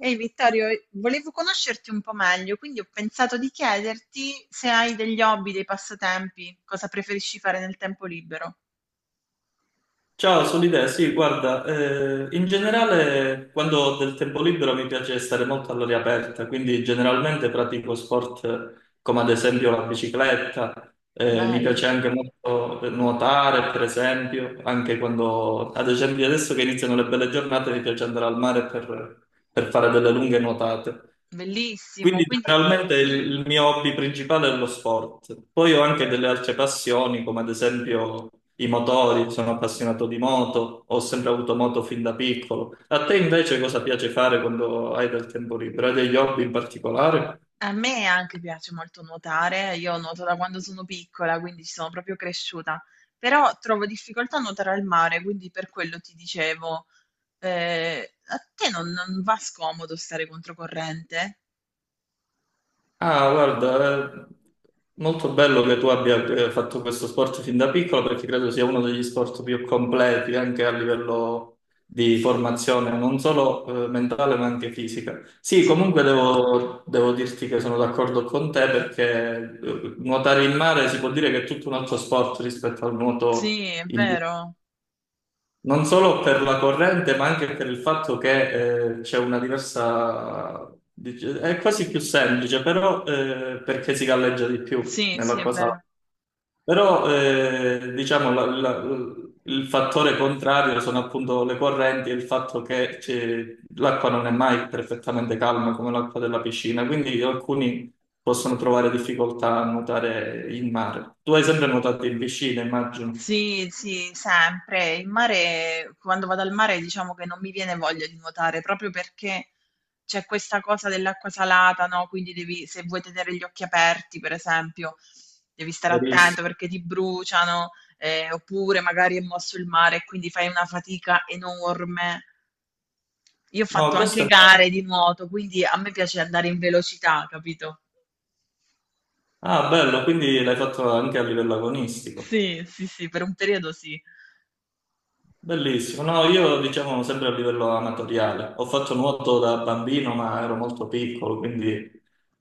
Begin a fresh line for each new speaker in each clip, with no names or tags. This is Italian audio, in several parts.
Ehi Vittorio, volevo conoscerti un po' meglio, quindi ho pensato di chiederti se hai degli hobby, dei passatempi, cosa preferisci fare nel tempo libero.
Ciao, sono l'idea. Sì, guarda, in generale quando ho del tempo libero mi piace stare molto all'aria aperta, quindi generalmente pratico sport come ad esempio la bicicletta, mi
Bello,
piace anche molto nuotare, per esempio, anche quando, ad esempio adesso che iniziano le belle giornate, mi piace andare al mare per fare delle lunghe nuotate.
bellissimo.
Quindi
Quindi
generalmente il mio hobby principale è lo sport. Poi ho anche delle altre passioni, come ad esempio i motori, sono appassionato di moto, ho sempre avuto moto fin da piccolo. A te invece cosa piace fare quando hai del tempo libero? Hai degli hobby in particolare?
a me anche piace molto nuotare, io nuoto da quando sono piccola, quindi ci sono proprio cresciuta, però trovo difficoltà a nuotare al mare, quindi per quello ti dicevo, a te non va scomodo stare controcorrente?
Ah, guarda, è molto bello che tu abbia fatto questo sport fin da piccolo perché credo sia uno degli sport più completi anche a livello di formazione, non solo mentale ma anche fisica. Sì,
Sì,
comunque devo dirti che sono d'accordo con te perché nuotare in mare si può dire che è tutto un altro sport rispetto al nuoto
sì, è
in
vero.
non solo per la corrente, ma anche per il fatto che c'è una diversa. È quasi più semplice, però perché si galleggia di più
Sì, sì, è
nell'acqua
vero.
salata. Però diciamo il fattore contrario sono appunto le correnti e il fatto che l'acqua non è mai perfettamente calma come l'acqua della piscina, quindi alcuni possono trovare difficoltà a nuotare in mare. Tu hai sempre nuotato in piscina, immagino.
Sì, sì, sempre. Il mare, quando vado al mare, diciamo che non mi viene voglia di nuotare, proprio perché c'è questa cosa dell'acqua salata, no? Quindi devi, se vuoi tenere gli occhi aperti, per esempio, devi stare attento
Verissimo.
perché ti bruciano, oppure magari è mosso il mare e quindi fai una fatica enorme. Io ho
No,
fatto anche
questo è bello.
gare di nuoto, quindi a me piace andare in velocità, capito?
Ah, bello, quindi l'hai fatto anche a livello agonistico.
Sì, sì, sì, per un periodo sì.
Bellissimo. No, io diciamo sempre a livello amatoriale. Ho fatto nuoto da bambino, ma ero molto piccolo, quindi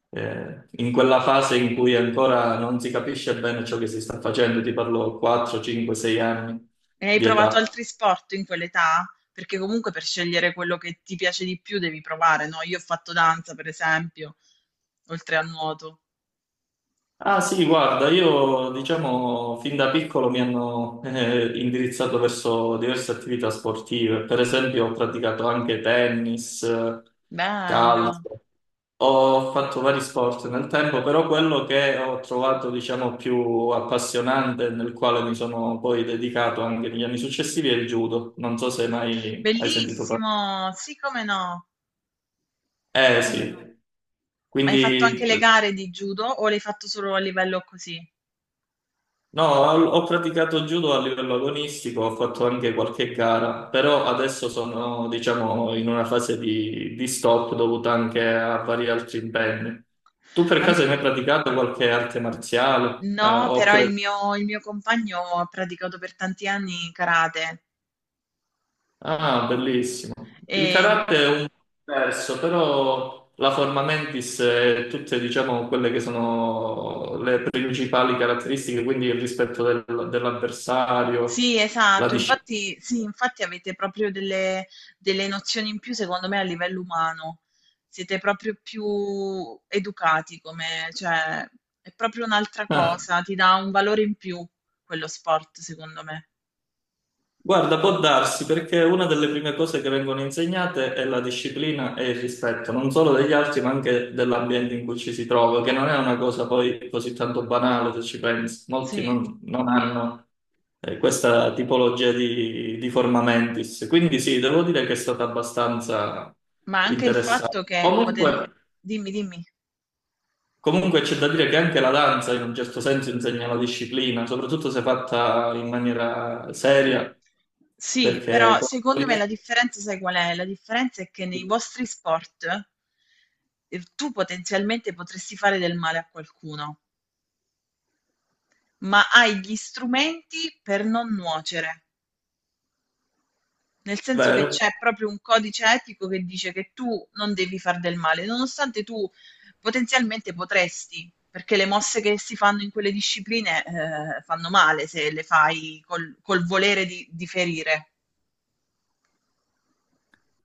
in quella fase in cui ancora non si capisce bene ciò che si sta facendo, ti parlo 4, 5, 6 anni
E hai
di
provato
età.
altri sport in quell'età? Perché comunque per scegliere quello che ti piace di più devi provare, no? Io ho fatto danza, per esempio, oltre al nuoto.
Ah sì, guarda, io diciamo fin da piccolo mi hanno indirizzato verso diverse attività sportive, per esempio ho praticato anche tennis,
Bello,
calcio. Ho fatto vari sport nel tempo, però quello che ho trovato, diciamo, più appassionante, nel quale mi sono poi dedicato anche negli anni successivi, è il judo. Non so se mai hai sentito parlare.
bellissimo, sì, come no,
Eh
come
sì,
no. Ma hai fatto anche
quindi
le gare di judo o l'hai fatto solo a livello così?
no, ho praticato judo a livello agonistico, ho fatto anche qualche gara, però adesso sono, diciamo, in una fase di stop dovuta anche a vari altri impegni. Tu per
A m-
caso hai mai praticato qualche arte marziale,
No, però
oppure.
il mio compagno ha praticato per tanti anni karate.
Ah, bellissimo. Il
E
karate è un po' diverso, però la forma mentis e tutte, diciamo, quelle che sono le principali caratteristiche, quindi il rispetto dell'avversario,
sì,
la
esatto.
disciplina.
Infatti sì, infatti avete proprio delle delle nozioni in più, secondo me, a livello umano. Siete proprio più educati, come, cioè, è proprio un'altra
Ah,
cosa, ti dà un valore in più quello sport, secondo me.
guarda, può darsi perché una delle prime cose che vengono insegnate è la disciplina e il rispetto, non solo degli altri, ma anche dell'ambiente in cui ci si trova, che non è una cosa poi così tanto banale se ci pensi. Molti
Sì,
non hanno. Questa tipologia di forma mentis. Quindi sì, devo dire che è stata abbastanza
ma anche il fatto
interessante.
che poten...
Comunque,
dimmi, dimmi.
comunque c'è da dire che anche la danza in un certo senso insegna la disciplina, soprattutto se fatta in maniera seria.
Sì,
perché...
però secondo me la differenza, sai qual è? La differenza è che nei vostri sport tu potenzialmente potresti fare del male a qualcuno. Ma hai gli strumenti per non nuocere. Nel senso che
Vero.
c'è proprio un codice etico che dice che tu non devi far del male, nonostante tu potenzialmente potresti, perché le mosse che si fanno in quelle discipline, fanno male se le fai col volere di ferire.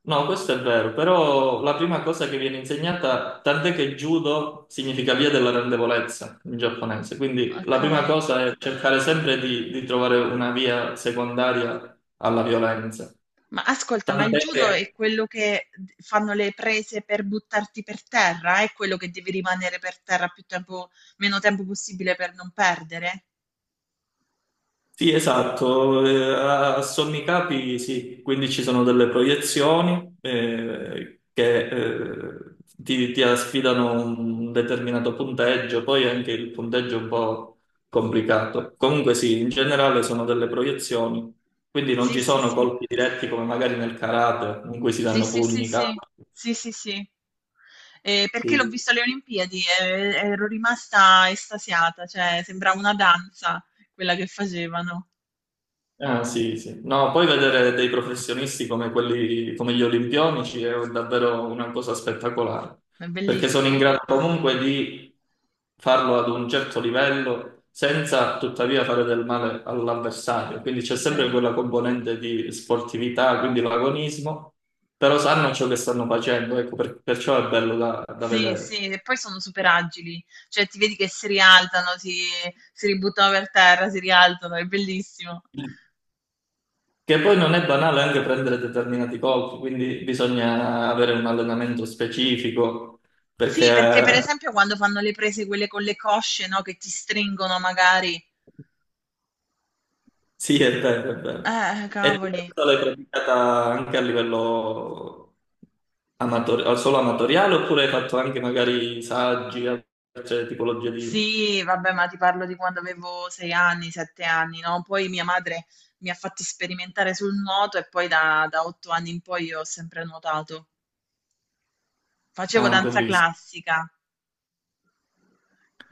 No, questo è vero, però la prima cosa che viene insegnata, tant'è che judo significa via della rendevolezza in giapponese, quindi
Ok.
la prima cosa è cercare sempre di trovare una via secondaria alla violenza.
Ma ascolta, ma il
Tant'è
judo è
che
quello che fanno le prese per buttarti per terra? È quello che devi rimanere per terra più tempo, meno tempo possibile per non perdere?
Sì, esatto, a sommi capi sì, quindi ci sono delle proiezioni che ti asfidano un determinato punteggio, poi anche il punteggio è un po' complicato. Comunque sì, in generale sono delle proiezioni, quindi non
Sì,
ci
sì,
sono
sì.
colpi diretti come magari nel karate, in cui si
Sì,
danno
sì, sì,
pugni,
sì.
capi.
Sì, sì, sì. Perché l'ho visto alle Olimpiadi e ero rimasta estasiata, cioè sembrava una danza quella che facevano.
Ah, sì, sì. No, poi vedere dei professionisti come quelli, come gli olimpionici è davvero una cosa spettacolare,
È
perché sono in
bellissimo,
grado comunque di farlo ad un certo livello senza tuttavia fare del male all'avversario. Quindi
è
c'è sempre
vero.
quella componente di sportività, quindi l'agonismo, però sanno ciò che stanno facendo, ecco, perciò è bello da
Sì,
vedere.
sì, e poi sono super agili, cioè ti vedi che si rialzano, si ributtano per terra, si rialzano, è bellissimo.
Che poi non è banale anche prendere determinati colpi, quindi bisogna avere un allenamento specifico,
Sì, perché per
perché
esempio quando fanno le prese quelle con le cosce, no, che ti stringono magari.
sì, è vero, è vero. E tu
Cavoli.
questa l'hai praticata anche a livello amatoriale, solo amatoriale, oppure hai fatto anche magari saggi, altre tipologie di.
Sì, vabbè, ma ti parlo di quando avevo sei anni, sette anni, no? Poi mia madre mi ha fatto sperimentare sul nuoto e poi da otto anni in poi io ho sempre nuotato. Facevo
Ah,
danza
bellissimo.
classica.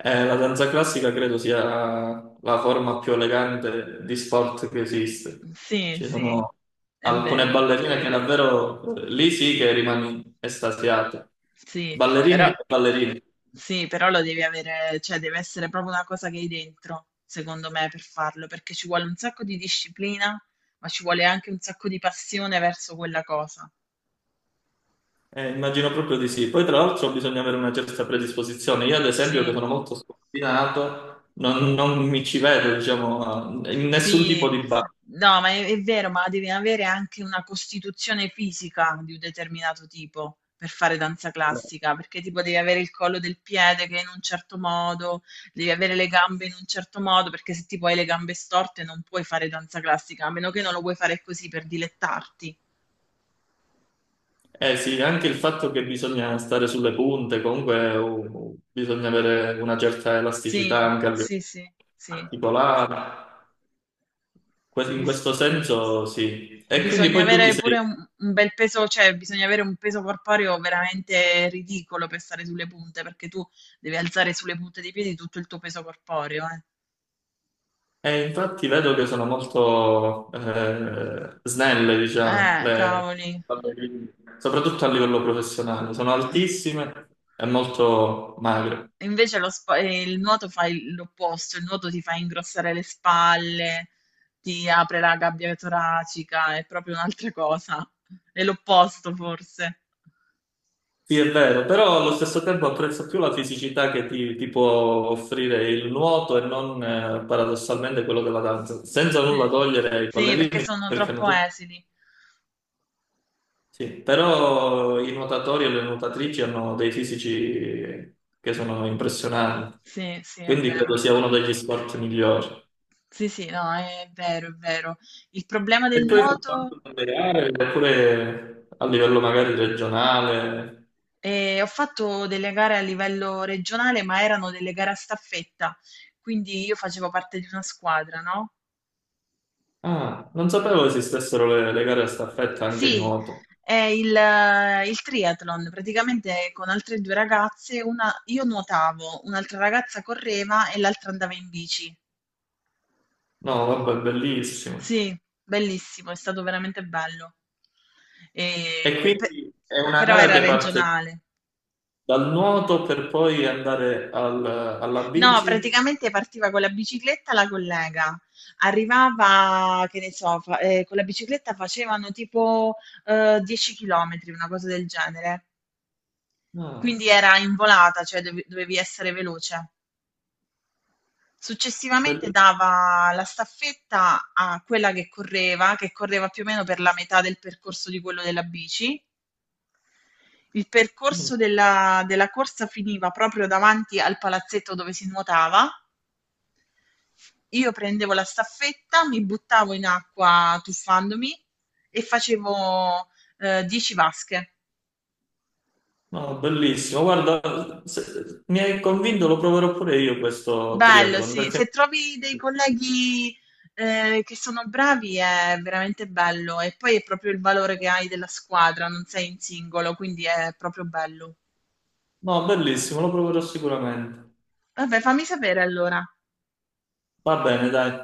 La danza classica credo sia la forma più elegante di sport che esiste.
Sì,
Ci
sì,
sono
è
alcune
vero.
ballerine che davvero lì sì che rimani estasiato.
Sì, però,
Ballerine e ballerine.
sì, però lo devi avere, cioè deve essere proprio una cosa che hai dentro, secondo me, per farlo, perché ci vuole un sacco di disciplina, ma ci vuole anche un sacco di passione verso quella cosa.
Immagino proprio di sì. Poi, tra l'altro, bisogna avere una certa predisposizione. Io, ad esempio, che
Sì,
sono molto scombinato, non mi ci vedo, diciamo, in nessun tipo
sì,
di ballo.
no, ma è vero, ma devi avere anche una costituzione fisica di un determinato tipo per fare danza classica, perché tipo devi avere il collo del piede che è in un certo modo, devi avere le gambe in un certo modo, perché se tipo hai le gambe storte non puoi fare danza classica, a meno che non lo vuoi fare così per dilettarti.
Eh sì, anche il fatto che bisogna stare sulle punte, comunque bisogna avere una certa elasticità
Sì,
anche a livello
sì, sì, sì.
articolare. In
Bis-
questo senso sì. E quindi
Bisogna
poi tu ti
avere pure
sei.
un bel peso, cioè bisogna avere un peso corporeo veramente ridicolo per stare sulle punte, perché tu devi alzare sulle punte dei piedi tutto il tuo peso corporeo, eh.
E infatti vedo che sono molto snelle, diciamo, le
Cavoli.
ballerine, soprattutto a livello professionale. Sono altissime e molto magre.
Invece il nuoto fa l'opposto, il nuoto ti fa ingrossare le spalle, ti apre la gabbia toracica, è proprio un'altra cosa. È l'opposto forse.
Sì, è vero, però allo stesso tempo apprezzo più la fisicità che ti può offrire il nuoto e non paradossalmente quello della danza, senza
Sì.
nulla togliere ai
Sì, perché
ballerini,
sono
perché hanno
troppo
tutti.
esili.
Sì, però i nuotatori e le nuotatrici hanno dei fisici che sono impressionanti,
Sì, sì, è
quindi
vero.
credo sia uno degli sport migliori.
Sì, sì, no, è vero, è vero. Il problema
E
del
tu hai fatto
nuoto,
anche delle gare, oppure a livello magari regionale?
ho fatto delle gare a livello regionale, ma erano delle gare a staffetta, quindi io facevo parte di una squadra, no?
Ah, non sapevo esistessero le gare a staffetta anche in
Sì,
nuoto.
è il triathlon, praticamente con altre due ragazze, una, io nuotavo, un'altra ragazza correva e l'altra andava in bici.
No, vabbè, bellissimo.
Sì, bellissimo, è stato veramente bello.
E
E pe-
quindi è una
Però
gara
era
che parte
regionale.
dal nuoto per poi andare alla
No,
bici?
praticamente partiva con la bicicletta la collega. Arrivava, che ne so, con la bicicletta facevano tipo 10 km, una cosa del genere.
No,
Quindi era in volata, cioè dovevi essere veloce. Successivamente
bellissimo.
dava la staffetta a quella che correva più o meno per la metà del percorso di quello della bici. Il percorso della corsa finiva proprio davanti al palazzetto dove si nuotava. Io prendevo la staffetta, mi buttavo in acqua tuffandomi e facevo 10 vasche.
No, bellissimo. Guarda, mi hai convinto, lo proverò pure io questo
Bello,
triathlon.
sì. Se trovi dei colleghi che sono bravi è veramente bello e poi è proprio il valore che hai della squadra, non sei in singolo, quindi è proprio bello.
No, bellissimo, lo proverò sicuramente.
Vabbè, fammi sapere allora.
Va bene, dai.